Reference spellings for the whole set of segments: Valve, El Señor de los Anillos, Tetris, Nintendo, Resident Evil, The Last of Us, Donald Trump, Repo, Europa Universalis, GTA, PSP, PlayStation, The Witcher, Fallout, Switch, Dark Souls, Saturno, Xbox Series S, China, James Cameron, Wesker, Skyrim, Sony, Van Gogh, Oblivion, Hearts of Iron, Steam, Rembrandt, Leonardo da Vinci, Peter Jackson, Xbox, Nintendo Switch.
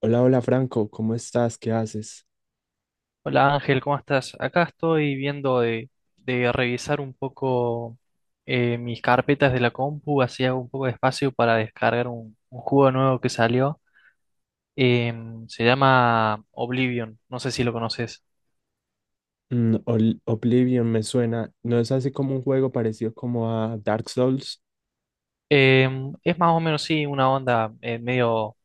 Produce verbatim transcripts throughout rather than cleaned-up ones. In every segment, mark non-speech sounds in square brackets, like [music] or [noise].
Hola, hola Franco, ¿cómo estás? ¿Qué haces? Hola Ángel, ¿cómo estás? Acá estoy viendo de, de revisar un poco eh, mis carpetas de la compu, así hago un poco de espacio para descargar un, un juego nuevo que salió. Em, se llama Oblivion, no sé si lo conoces. Mm, Ol- Oblivion me suena. ¿No es así como un juego parecido como a Dark Souls? Em, es más o menos, sí, una onda eh, medio,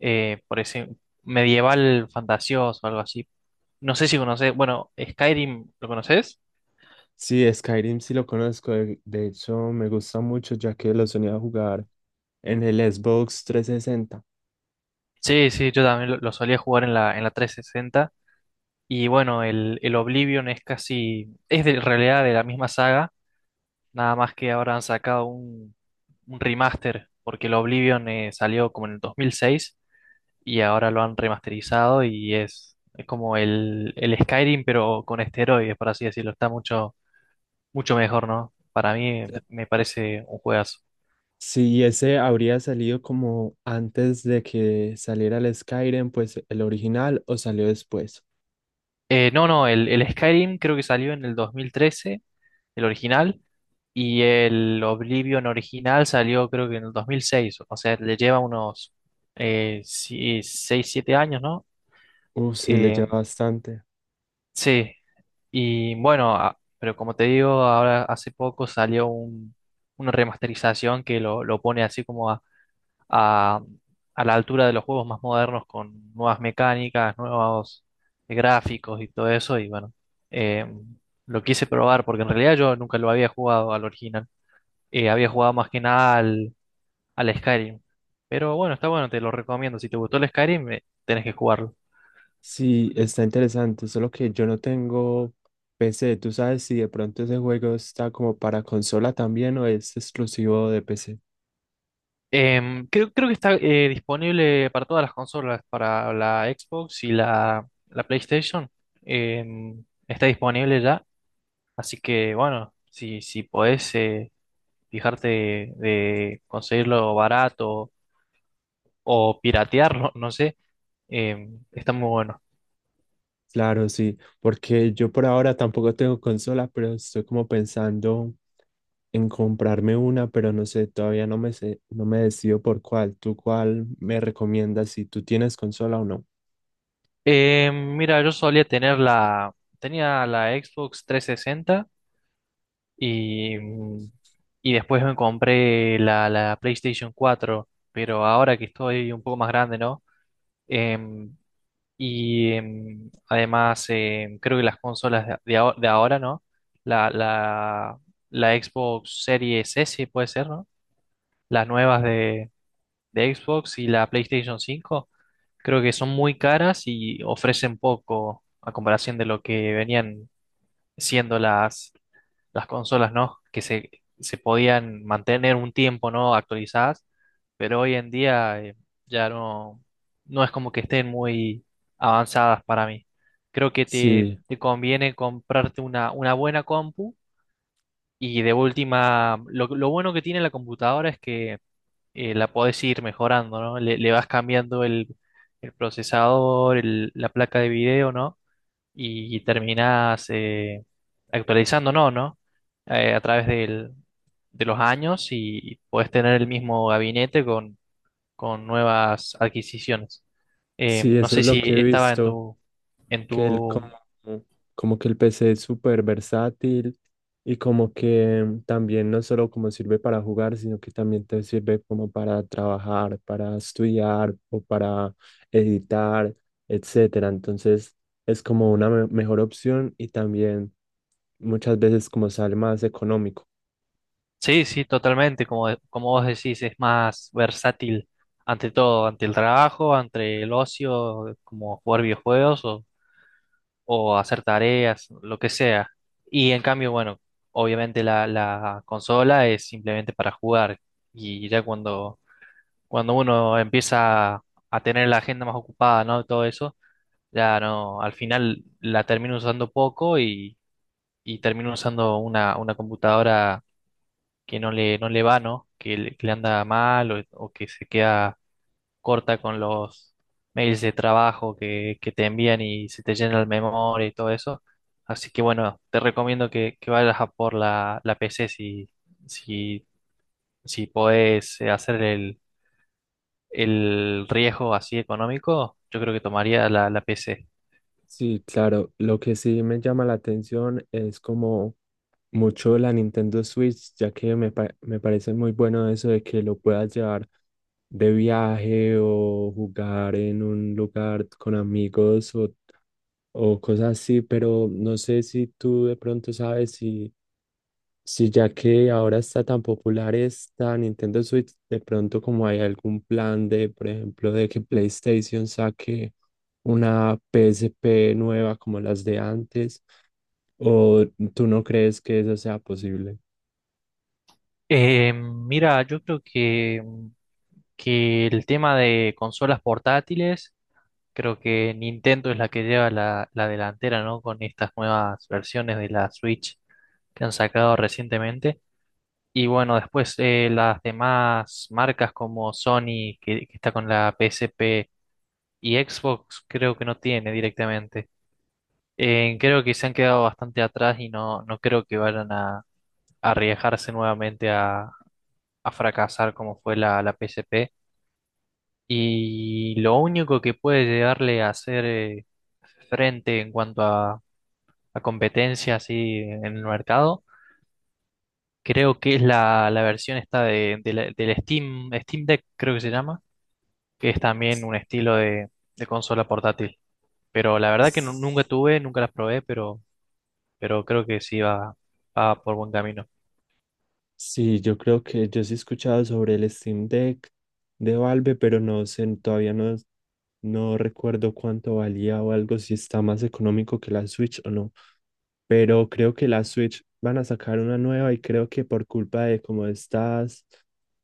eh, por decir, medieval fantasioso, algo así. No sé si conoces, bueno, Skyrim, ¿lo conoces? Sí, Skyrim sí lo conozco. De, de hecho, me gusta mucho ya que lo solía jugar en el Xbox trescientos sesenta. Sí, sí, yo también lo, lo solía jugar en la, en la trescientos sesenta. Y bueno, el, el Oblivion es casi, es de, en realidad de la misma saga, nada más que ahora han sacado un, un remaster, porque el Oblivion eh, salió como en el dos mil seis y ahora lo han remasterizado y es, es como el, el Skyrim, pero con esteroides, por así decirlo, está mucho, mucho mejor, ¿no? Para mí eh, me parece un juegazo. Sí, ese habría salido como antes de que saliera el Skyrim, pues el original, o salió después. Eh, no, no, el, el Skyrim creo que salió en el dos mil trece el original, y el Oblivion original salió creo que en el dos mil seis, o sea, le lleva unos eh, si, seis siete años, ¿no? Uf, sí, le Eh, lleva bastante. sí, y bueno, a- pero como te digo, ahora hace poco salió un- una remasterización que lo, lo pone así como a, a- a la altura de los juegos más modernos con nuevas mecánicas, nuevos gráficos y todo eso, y bueno, eh, lo quise probar porque en realidad yo nunca lo había jugado al original. Eh, había jugado más que nada al, al Skyrim. Pero bueno, está bueno, te lo recomiendo. Si te gustó el Skyrim, eh, tenés que jugarlo. Sí, está interesante, solo que yo no tengo P C. ¿Tú sabes si de pronto ese juego está como para consola también o es exclusivo de P C? Em, creo, creo que está eh, disponible para todas las consolas, para la Xbox y la, la PlayStation. Em, está disponible ya. Así que bueno, si, si podés eh, fijarte de conseguirlo barato o piratearlo, [laughs] no sé, em, está muy bueno. Claro, sí, porque yo por ahora tampoco tengo consola, pero estoy como pensando en comprarme una, pero no sé, todavía no me sé, no me decido por cuál. ¿Tú cuál me recomiendas si tú tienes consola o no? Em, mira, yo solía tener la, tenía la Xbox trescientos sesenta. Y, y después me compré la, la PlayStation cuatro, pero ahora que estoy un poco más grande, ¿no? Em, y em, Además em, creo que las consolas de, de aho- de ahora, ¿no? La, la, la Xbox Series S puede ser, ¿no? Las nuevas de, de Xbox y la PlayStation cinco creo que son muy caras y ofrecen poco a comparación de lo que venían siendo las, las consolas, ¿no? Que se, se podían mantener un tiempo, ¿no? Actualizadas, pero hoy en día eh, ya no, no es como que estén muy avanzadas para mí. Creo que te, Sí, te conviene comprarte una, una buena compu, y de última, lo, lo bueno que tiene la computadora es que eh, la podés ir mejorando, ¿no? Le, le vas cambiando el, el procesador, el- la placa de video, ¿no? Y terminas eh, actualizando, ¿no? ¿no? Eh, a través del- de los años y puedes tener el mismo gabinete con, con nuevas adquisiciones. Eh, sí, No eso sé es lo si que he estaba en visto. tu, en Que el, como, tu... como que el P C es súper versátil y como que también no solo como sirve para jugar, sino que también te sirve como para trabajar, para estudiar o para editar, etcétera. Entonces es como una me- mejor opción y también muchas veces como sale más económico. Sí, sí, totalmente, como, de- como vos decís, es más versátil ante todo, ante el trabajo, ante el ocio, como jugar videojuegos o hacer tareas, lo que sea. Y en cambio, bueno, obviamente la, la consola es simplemente para jugar. Y ya cuando, cuando uno empieza a tener la agenda más ocupada, ¿no? Todo eso, ya no, al final la termino usando poco y, y termino usando una, una computadora que no le, no le va, ¿no? que le que le anda mal o, o que se queda corta con los mails de trabajo que, que te envían y se te llena el memoria y todo eso. Así que bueno, te recomiendo que, que vayas a por la, la P C si, si, si podés eh, hacer el, el riesgo así económico, yo creo que tomaría la, la P C. Sí, claro, lo que sí me llama la atención es como mucho la Nintendo Switch, ya que me, pa- me parece muy bueno eso de que lo puedas llevar de viaje o jugar en un lugar con amigos o, o cosas así, pero no sé si tú de pronto sabes si, si ya que ahora está tan popular esta Nintendo Switch, de pronto como hay algún plan de, por ejemplo, de que PlayStation saque una P S P nueva como las de antes, o tú no crees que eso sea posible. Eh, mira, yo creo que, que el tema de consolas portátiles, creo que Nintendo es la que lleva la, la delantera, ¿no? Con estas nuevas versiones de la Switch que han sacado recientemente. Y bueno, después eh, las demás marcas como Sony, que, que está con la P S P y Xbox, creo que no tiene directamente. Eh, creo que se han quedado bastante atrás y no, no creo que vayan a, a arriesgarse nuevamente a fracasar como fue la, la P S P. Y lo único que puede llegarle a hacer eh, frente en cuanto a, a competencia así en el mercado, creo que es la, la versión esta de, de la- del Steam, Steam Deck, creo que se llama, que es también un estilo de, de consola portátil. Pero la verdad que nu- nunca tuve, nunca las probé, pero, pero creo que sí va, va por buen camino. Sí, yo creo que yo sí he escuchado sobre el Steam Deck de Valve, pero no sé, todavía no, no recuerdo cuánto valía o algo, si está más económico que la Switch o no. Pero creo que la Switch van a sacar una nueva y creo que por culpa de como estas,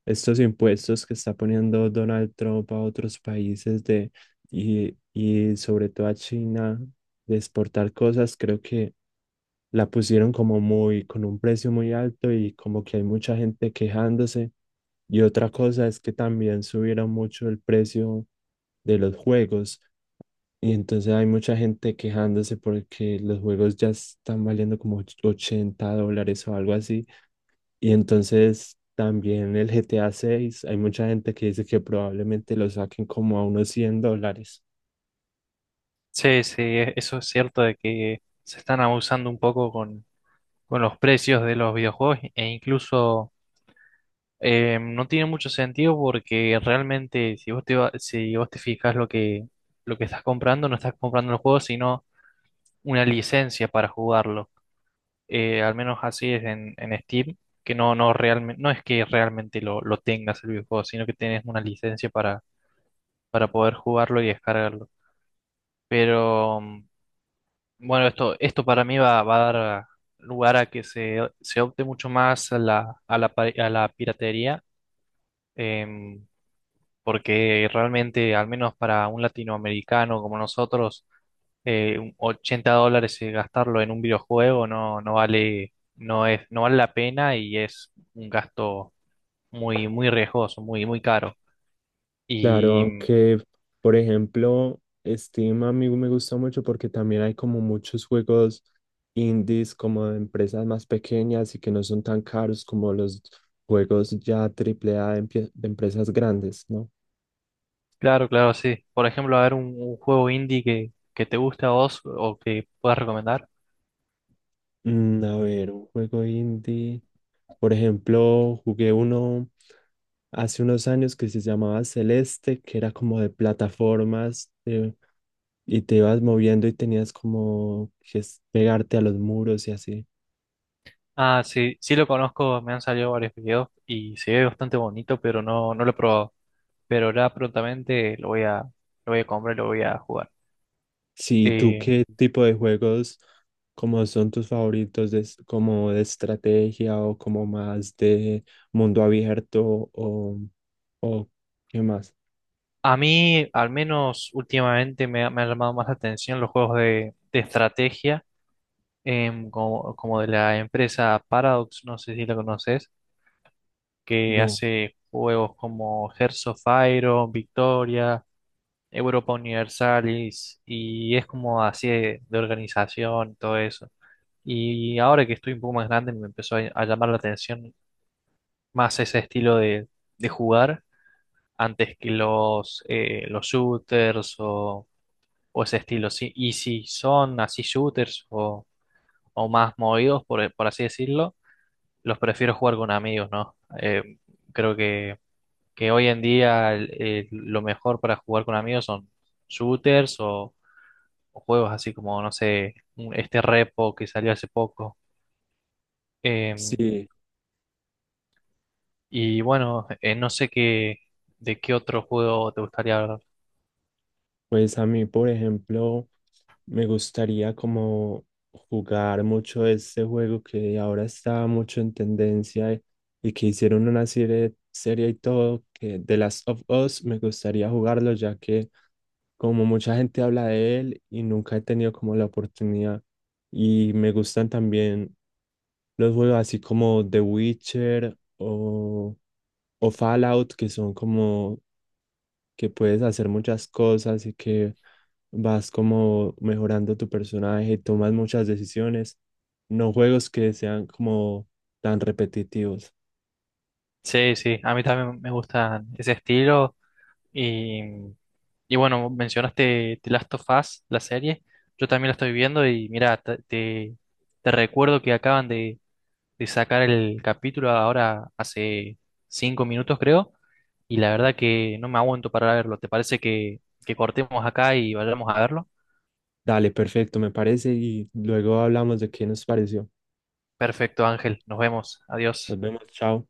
estos impuestos que está poniendo Donald Trump a otros países de, y, y sobre todo a China de exportar cosas, creo que la pusieron como muy, con un precio muy alto y como que hay mucha gente quejándose. Y otra cosa es que también subieron mucho el precio de los juegos. Y entonces hay mucha gente quejándose porque los och- juegos ya están valiendo como och- ochenta dólares o algo así. Y entonces también el GTA seis hay mucha gente que dice que probablemente lo saquen como a unos cien dólares. Sí, sí, e- eso es cierto de que se están abusando un poco con los precios de los videojuegos e incluso eh, no tiene mucho sentido porque realmente si vos te, va- si vos te fijas lo que, lo que estás comprando, no estás comprando el juego, sino una licencia para jugarlo. Eh, al menos así es en, en Steam, que no, no, realmente, no es que realmente lo, lo tengas el videojuego, sino que tenés una licencia para, para poder jugarlo y descargarlo. Pero mm, bueno, esto, esto para mí va, va a dar lugar a que se, se opte mucho más a la, a la, pa- a la piratería, em, porque realmente, al menos para un latinoamericano como nosotros, eh, un ochenta dólares eh, gastarlo en un videojuego no, no vale, no es, no vale la pena y es un gasto muy, muy riesgoso, muy, muy caro. Claro, Y mm, aunque, por ejemplo, Steam a mí me gusta mucho porque también hay como muchos juegos indies, como de empresas más pequeñas y que no son tan caros como los juegos ya triple A de, empie- de empresas grandes, ¿no? claro, claro, sí. Por ejemplo, a ver un, un juego indie que, que te guste a vos o que puedas recomendar. Mm, a ver, un juego indie. Por ejemplo, jugué uno hace unos años que se llamaba Celeste, que era como de plataformas eh, y te ibas moviendo y tenías como que es- pegarte a los muros y así. Ah, sí, sí lo conozco, me han salido varios videos y se ve bastante bonito, pero no, no lo he probado. Pero ahora prontamente lo voy a, lo voy a comprar y lo voy a jugar. Sí, ¿tú Eh, qué tipo de juegos como son tus favoritos, de es- como de estrategia o como más de mundo abierto o, o qué más? a mí, al menos últimamente, me, ha- me han llamado más la atención los juegos de, de estrategia, em, como, como de la empresa Paradox, no sé si la conoces, que No, hace juegos como Hearts of Iron, Victoria, Europa Universalis, y es como así de de organización, todo eso. Y ahora que estoy un poco más grande, me empezó a, a llamar la atención más ese estilo de, de jugar antes que los, eh, los shooters o, o ese estilo. Sí, y si son así shooters o, o más movidos, por, por así decirlo, los prefiero jugar con amigos, ¿no? Eh, creo que, que hoy en día el- el- lo mejor para jugar con amigos son shooters o, o juegos así como, no sé, un- este Repo que salió hace poco. Em, sí. Y bueno, eh, no sé qué, de qué otro juego te gustaría hablar. Pues a mí, por ejemplo, me gustaría como jugar mucho ese juego que ahora está mucho en tendencia y y que hicieron una serie, serie y todo, que The Last of Us, me gustaría jugarlo ya que como mucha gente habla de él y nunca he tenido como la oportunidad. Y me gustan también los juegos así como The Witcher o, o Fallout, que son como que puedes hacer muchas cosas y que vas como mejorando tu personaje, tomas muchas decisiones, no juegos que sean como tan repetitivos. Sí, sí, a mí también me gustan ese estilo. Y, y bueno, mencionaste The Last of Us, la serie. Yo también la estoy viendo y mira, te, te- te recuerdo que acaban de, de sacar el capítulo ahora hace cinco minutos, creo. Y la verdad que no me aguanto para verlo. ¿Te parece que, que cortemos acá y vayamos a verlo? Dale, perfecto, me parece, y luego hablamos de qué nos pareció. Perfecto, Ángel. Nos vemos. Adiós. Nos vemos, chao.